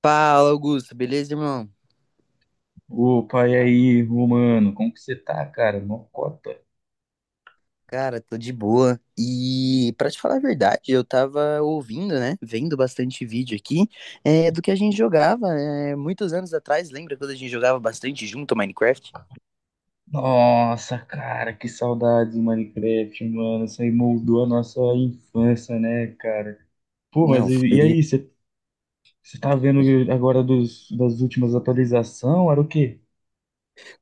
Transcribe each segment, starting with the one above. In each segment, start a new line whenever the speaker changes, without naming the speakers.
Fala, Augusto, beleza, irmão?
Opa, e aí, Romano? Como que você tá, cara? Mocota.
Cara, tô de boa. E pra te falar a verdade, eu tava ouvindo, né? Vendo bastante vídeo aqui do que a gente jogava muitos anos atrás. Lembra quando a gente jogava bastante junto ao Minecraft?
Nossa, cara, que saudade do Minecraft, mano. Isso aí moldou a nossa infância, né, cara? Pô, mas
Não,
e
foi.
aí, você tá vendo agora dos, das últimas atualizações? Era o quê?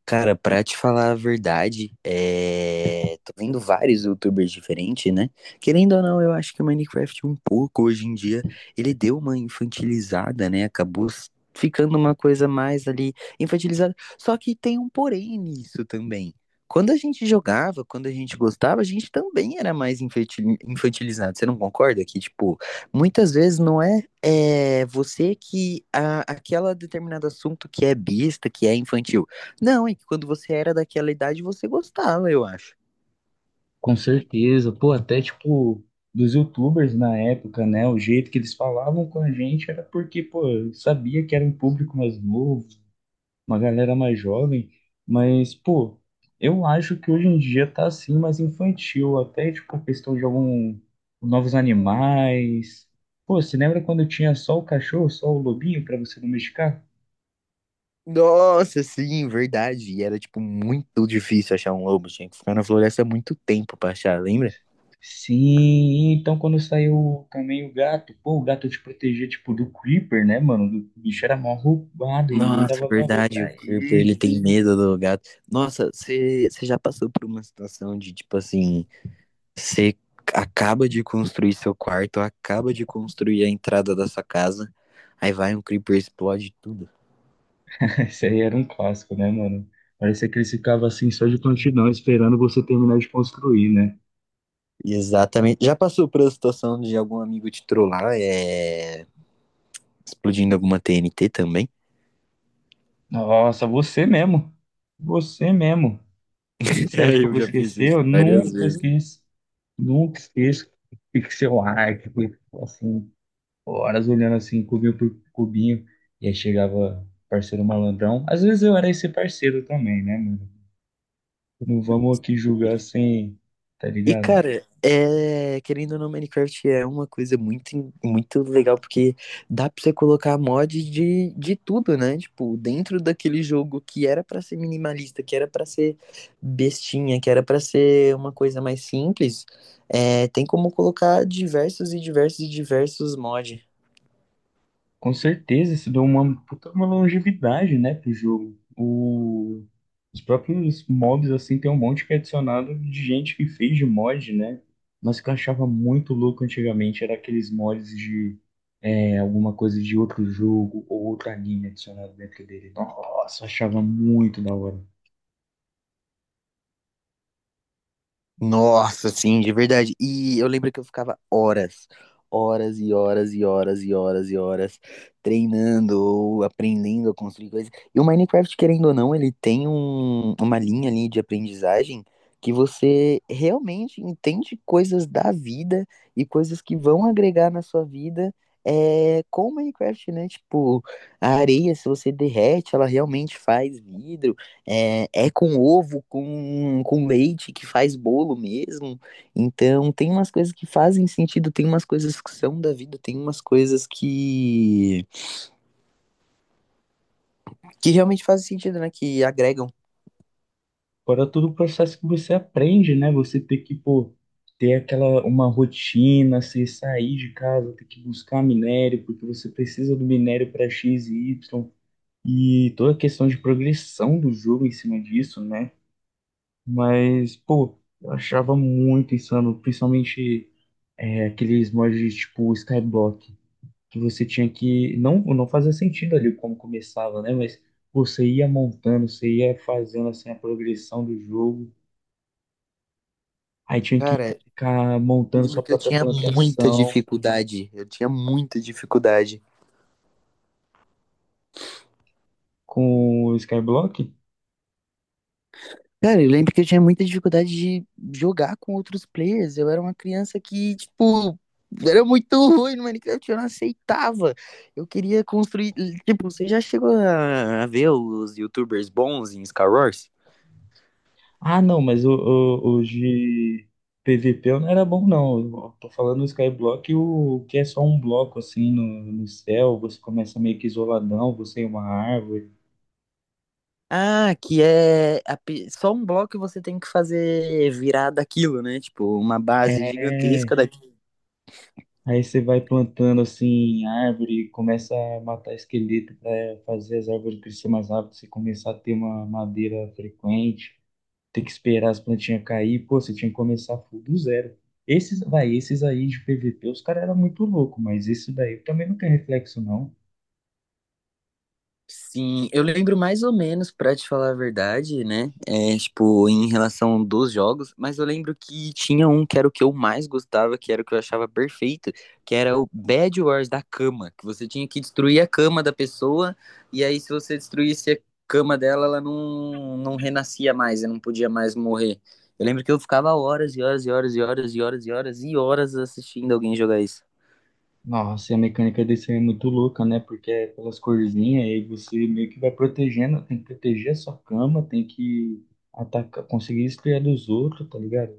Cara, pra te falar a verdade, tô vendo vários youtubers diferentes, né? Querendo ou não, eu acho que o Minecraft um pouco hoje em dia, ele deu uma infantilizada, né? Acabou ficando uma coisa mais ali infantilizada. Só que tem um porém nisso também. Quando a gente jogava, quando a gente gostava, a gente também era mais infantilizado. Você não concorda que, tipo, muitas vezes não é você que aquela determinado assunto que é besta, que é infantil. Não, é que quando você era daquela idade, você gostava, eu acho.
Com certeza. Pô, até tipo, dos YouTubers na época, né? O jeito que eles falavam com a gente era porque, pô, sabia que era um público mais novo, uma galera mais jovem, mas, pô, eu acho que hoje em dia tá assim mais infantil, até tipo questão de algum novos animais. Pô, você lembra quando tinha só o cachorro, só o lobinho pra você domesticar?
Nossa, sim, verdade. E era, tipo, muito difícil achar um lobo. Tinha que ficar na floresta muito tempo pra achar, lembra?
Sim, então quando saiu também o gato, pô, o gato te protegia tipo do Creeper, né, mano? O bicho era mal roubado e ninguém
Nossa,
dava valor
verdade. O
pra
Creeper, ele
ele.
tem medo do gato. Nossa, você já passou por uma situação de, tipo, assim, você acaba de construir seu quarto, acaba de construir a entrada da sua casa, aí vai um Creeper e explode tudo.
Isso aí era um clássico, né, mano? Parecia que eles ficavam assim só de prontidão, esperando você terminar de construir, né?
Exatamente. Já passou por a situação de algum amigo te trollar? É. Explodindo alguma TNT também.
Nossa, você mesmo. Você mesmo. Você acha que eu
Eu
vou
já fiz
esquecer?
isso
Eu
várias
nunca
vezes.
esqueço. Nunca esqueço. Pixel art, foi, assim, horas olhando assim, cubinho por cubinho. E aí chegava parceiro malandrão. Às vezes eu era esse parceiro também, né, mano? Não vamos aqui julgar assim, tá
E,
ligado?
cara, querendo ou não, Minecraft é uma coisa muito, muito legal, porque dá pra você colocar mod de tudo, né? Tipo, dentro daquele jogo que era pra ser minimalista, que era pra ser bestinha, que era pra ser uma coisa mais simples, tem como colocar diversos e diversos e diversos mods.
Com certeza, isso deu uma puta uma longevidade, né, pro jogo. O- os próprios mobs, assim, tem um monte que é adicionado de gente que fez de mod, né? Mas o que eu achava muito louco antigamente era aqueles mods de alguma coisa de outro jogo ou outro anime adicionado dentro dele. Nossa, eu achava muito da hora.
Nossa, sim, de verdade. E eu lembro que eu ficava horas, horas e horas e horas e horas e horas treinando ou aprendendo a construir coisas. E o Minecraft, querendo ou não, ele tem uma linha ali de aprendizagem que você realmente entende coisas da vida e coisas que vão agregar na sua vida. É, com o Minecraft, né? Tipo, a areia, se você derrete, ela realmente faz vidro. É, é com ovo, com leite que faz bolo mesmo. Então, tem umas coisas que fazem sentido, tem umas coisas que são da vida, tem umas coisas que realmente fazem sentido, né? Que agregam.
Fora todo o processo que você aprende, né? Você ter que, pô, ter aquela uma rotina, você sair de casa, ter que buscar minério, porque você precisa do minério para X e Y, e toda a questão de progressão do jogo em cima disso, né? Mas, pô, eu achava muito insano, principalmente aqueles mods tipo Skyblock, que você tinha que. Não, não fazia sentido ali como começava, né? Mas pô, você ia montando, você ia fazendo assim a progressão do jogo. Aí tinha que
Cara,
ficar montando sua
lembro que eu
própria
tinha muita
plantação
dificuldade. Eu tinha muita dificuldade.
com o Skyblock.
Cara, eu lembro que eu tinha muita dificuldade de jogar com outros players. Eu era uma criança que, tipo, era muito ruim no Minecraft, eu não aceitava. Eu queria construir. Tipo, você já chegou a ver os YouTubers bons em Skywars?
Ah, não, mas o de PVP eu não era bom, não. Eu tô falando o Skyblock, o que é só um bloco assim no, no céu, você começa meio que isoladão, você é uma árvore.
Ah, que é só um bloco e você tem que fazer virar daquilo, né? Tipo, uma base gigantesca.
É. Aí você vai plantando assim árvore, começa a matar esqueleto para fazer as árvores crescer mais rápido, você começar a ter uma madeira frequente. Ter que esperar as plantinhas cair, pô, você tinha que começar full do zero. Esses, vai, esses aí de PVP, os caras eram muito loucos, mas esse daí também não tem reflexo, não.
Sim, eu lembro mais ou menos, pra te falar a verdade, né? É, tipo, em relação dos jogos, mas eu lembro que tinha um que era o que eu mais gostava, que era o que eu achava perfeito, que era o Bed Wars da cama, que você tinha que destruir a cama da pessoa, e aí se você destruísse a cama dela, ela não renascia mais, ela não podia mais morrer. Eu lembro que eu ficava horas e horas e horas e horas e horas e horas e horas assistindo alguém jogar isso.
Nossa, e a mecânica desse aí é muito louca, né? Porque é pelas corzinhas, aí você meio que vai protegendo, tem que proteger a sua cama, tem que atacar, conseguir esfriar dos outros, tá ligado?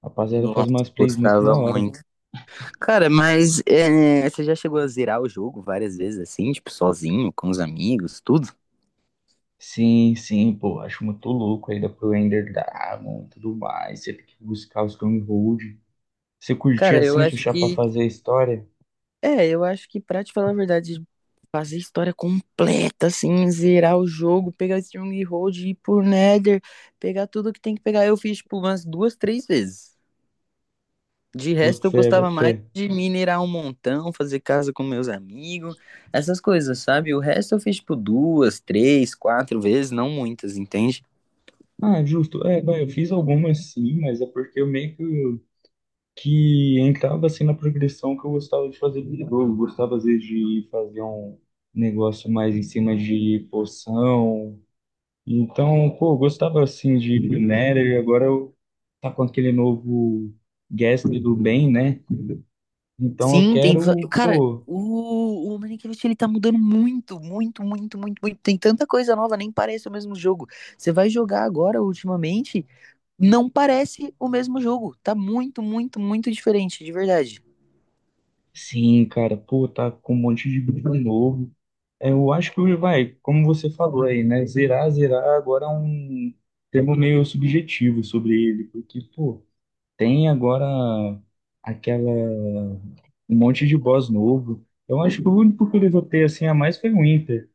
Rapaziada,
Nossa,
faz umas plays muito
gostava
da hora.
muito. Cara, mas é, você já chegou a zerar o jogo várias vezes assim, tipo, sozinho, com os amigos, tudo?
Sim, sim, pô, acho muito louco ainda pro Ender Dragon e tudo mais. Você tem que buscar os stronghold, Você curtir
Cara, eu
assim,
acho
puxar pra
que.
fazer a história?
É, eu acho que pra te falar a verdade, fazer história completa, assim, zerar o jogo, pegar Strong Hold, ir por Nether, pegar tudo que tem que pegar. Eu fiz, tipo, umas duas, três vezes. De
Boto
resto, eu
fé,
gostava
boto fé.
mais de minerar um montão, fazer casa com meus amigos, essas coisas, sabe? O resto eu fiz, tipo, duas, três, quatro vezes, não muitas, entende?
Ah, justo. É, vai, eu fiz algumas sim, mas é porque eu meio que entrava assim na progressão que eu gostava de fazer do jogo. Eu gostava às vezes de fazer um negócio mais em cima de poção. Então, pô, eu gostava assim de Nether e agora eu tá com aquele novo guest do bem, né? Então eu
Sim, tem.
quero,
Cara,
pô,
o Minecraft ele tá mudando muito, muito, muito, muito, muito. Tem tanta coisa nova, nem parece o mesmo jogo. Você vai jogar agora, ultimamente, não parece o mesmo jogo. Tá muito, muito, muito diferente, de verdade.
sim, cara, pô, tá com um monte de bicho novo. Eu acho que vai, como você falou aí, né? Zerar, zerar agora é um termo meio subjetivo sobre ele, porque, pô, tem agora aquela, um monte de boss novo. Eu acho que o único que eu levantei assim a mais foi o Inter.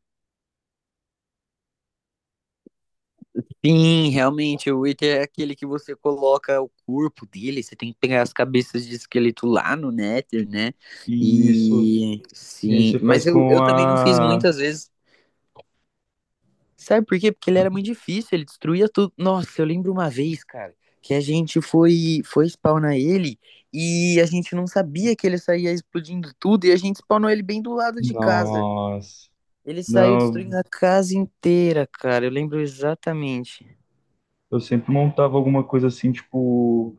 Sim, realmente, o Witcher é aquele que você coloca o corpo dele, você tem que pegar as cabeças de esqueleto lá no Nether, né?
E isso.
E
E aí
sim,
você faz
mas
com
eu também não fiz
a.
muitas vezes. Sabe por quê? Porque ele era muito difícil, ele destruía tudo. Nossa, eu lembro uma vez, cara, que a gente foi, foi spawnar ele e a gente não sabia que ele saía explodindo tudo e a gente spawnou ele bem do lado de casa.
Nossa.
Ele saiu destruindo
Não,
a casa inteira, cara. Eu lembro exatamente.
eu sempre montava alguma coisa assim, tipo,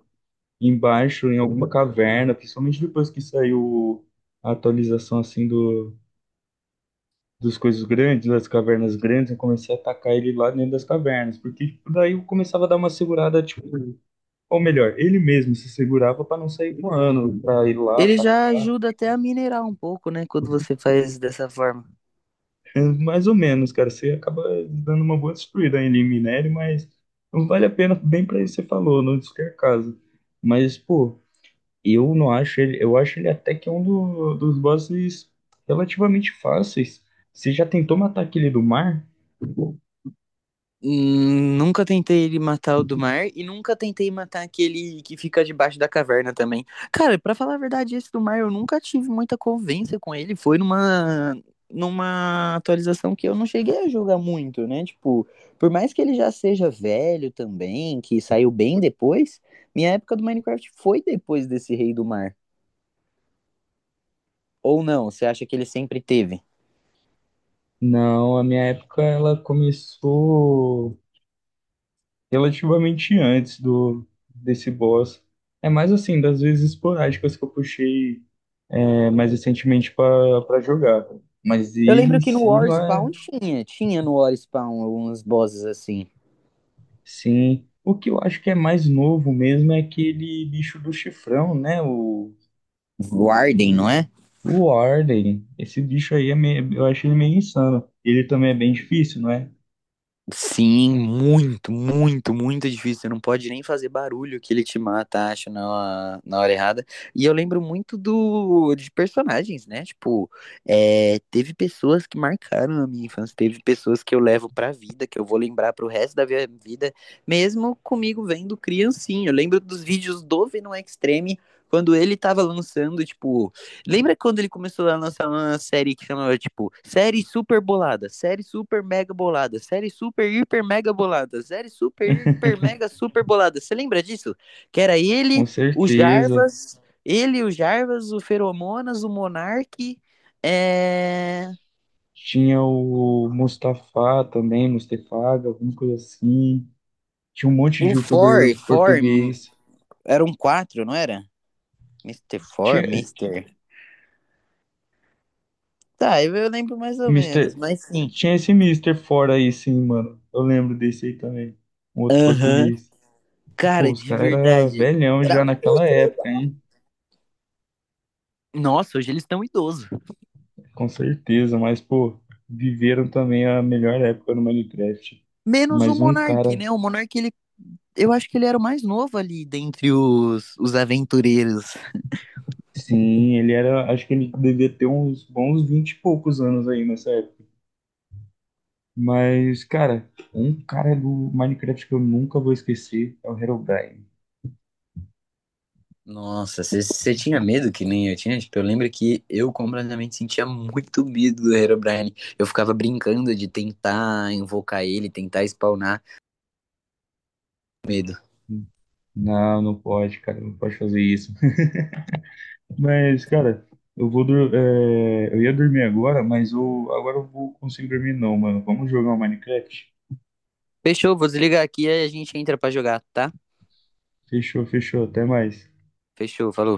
embaixo, em alguma caverna, principalmente depois que saiu a atualização assim do. Dos coisas grandes, das cavernas grandes, eu comecei a atacar ele lá dentro das cavernas, porque tipo, daí eu começava a dar uma segurada, tipo, ou melhor, ele mesmo se segurava pra não sair voando, pra ir lá,
Ele
pra
já
cá,
ajuda até a minerar um pouco, né? Quando você faz dessa forma.
mais ou menos, cara, você acaba dando uma boa destruída ainda em minério, mas não vale a pena, bem pra isso que você falou, não qualquer caso, mas, pô, eu não acho ele, eu acho ele até que é um do- dos bosses relativamente fáceis, você já tentou matar aquele do mar?
Nunca tentei ele matar o do mar e nunca tentei matar aquele que fica debaixo da caverna também. Cara, pra falar a verdade, esse do mar eu nunca tive muita convivência com ele. Foi numa numa atualização que eu não cheguei a jogar muito, né? Tipo, por mais que ele já seja velho também, que saiu bem depois, minha época do Minecraft foi depois desse Rei do Mar. Ou não? Você acha que ele sempre teve?
Não, a minha época ela começou relativamente antes do desse boss. É mais assim, das vezes esporádicas que eu puxei mais recentemente para jogar. Tá? Mas
Eu
ele em
lembro que no
si
War
não é,
Spawn tinha, tinha no War Spawn alguns bosses assim.
sim. O que eu acho que é mais novo mesmo é aquele bicho do chifrão, né?
Warden, não é?
O Warden. Esse bicho aí é meio, eu acho ele meio insano. Ele também é bem difícil, não é?
Sim, muito, muito, muito difícil. Você não pode nem fazer barulho que ele te mata, acho, na hora errada. E eu lembro muito do de personagens, né? Tipo, teve pessoas que marcaram a minha infância, teve pessoas que eu levo pra vida, que eu vou lembrar pro resto da minha vida, mesmo comigo vendo criancinha. Eu lembro dos vídeos do Venom Extreme, quando ele tava lançando, tipo. Lembra quando ele começou a lançar uma série que chamava, tipo, série super bolada, série super mega bolada, série super hiper mega bolada, série super hiper mega super bolada. Você lembra disso? Que era
Com certeza.
Ele, o Jarvas, o Feromonas, o Monark, é...
Tinha o Mustafa também, Mustefaga, alguma coisa assim. Tinha um monte de
o
youtuber
For,
português.
eram quatro, não era? Mister For,
Tinha,
Mister. Tá, eu lembro mais ou menos,
Mister,
mas sim.
tinha esse Mister fora aí, sim, mano. Eu lembro desse aí também. Um outro
Aham.
português. Pô,
Cara,
os
de
caras eram
verdade.
velhão
Era
já naquela
muito
época,
legal.
hein?
Nossa, hoje eles estão idosos.
Com certeza, mas, pô, viveram também a melhor época no Minecraft.
Menos o
Mas um
Monark,
cara,
né? O Monark, ele, eu acho que ele era o mais novo ali dentre os aventureiros.
sim, ele era. Acho que ele devia ter uns bons 20 e poucos anos aí nessa época. Mas, cara, um cara do Minecraft que eu nunca vou esquecer é o Herobrine.
Nossa, você tinha medo que nem eu tinha? Tipo, eu lembro que eu completamente sentia muito medo do Herobrine. Eu ficava brincando de tentar invocar ele, tentar spawnar. Medo.
Não, não pode, cara, não pode fazer isso. Mas, cara, eu vou dur- eu ia dormir agora, mas eu agora eu vou conseguir dormir não, mano. Vamos jogar o Minecraft?
Fechou, vou desligar aqui e a gente entra pra jogar, tá?
Fechou, fechou, até mais.
Fechou, falou.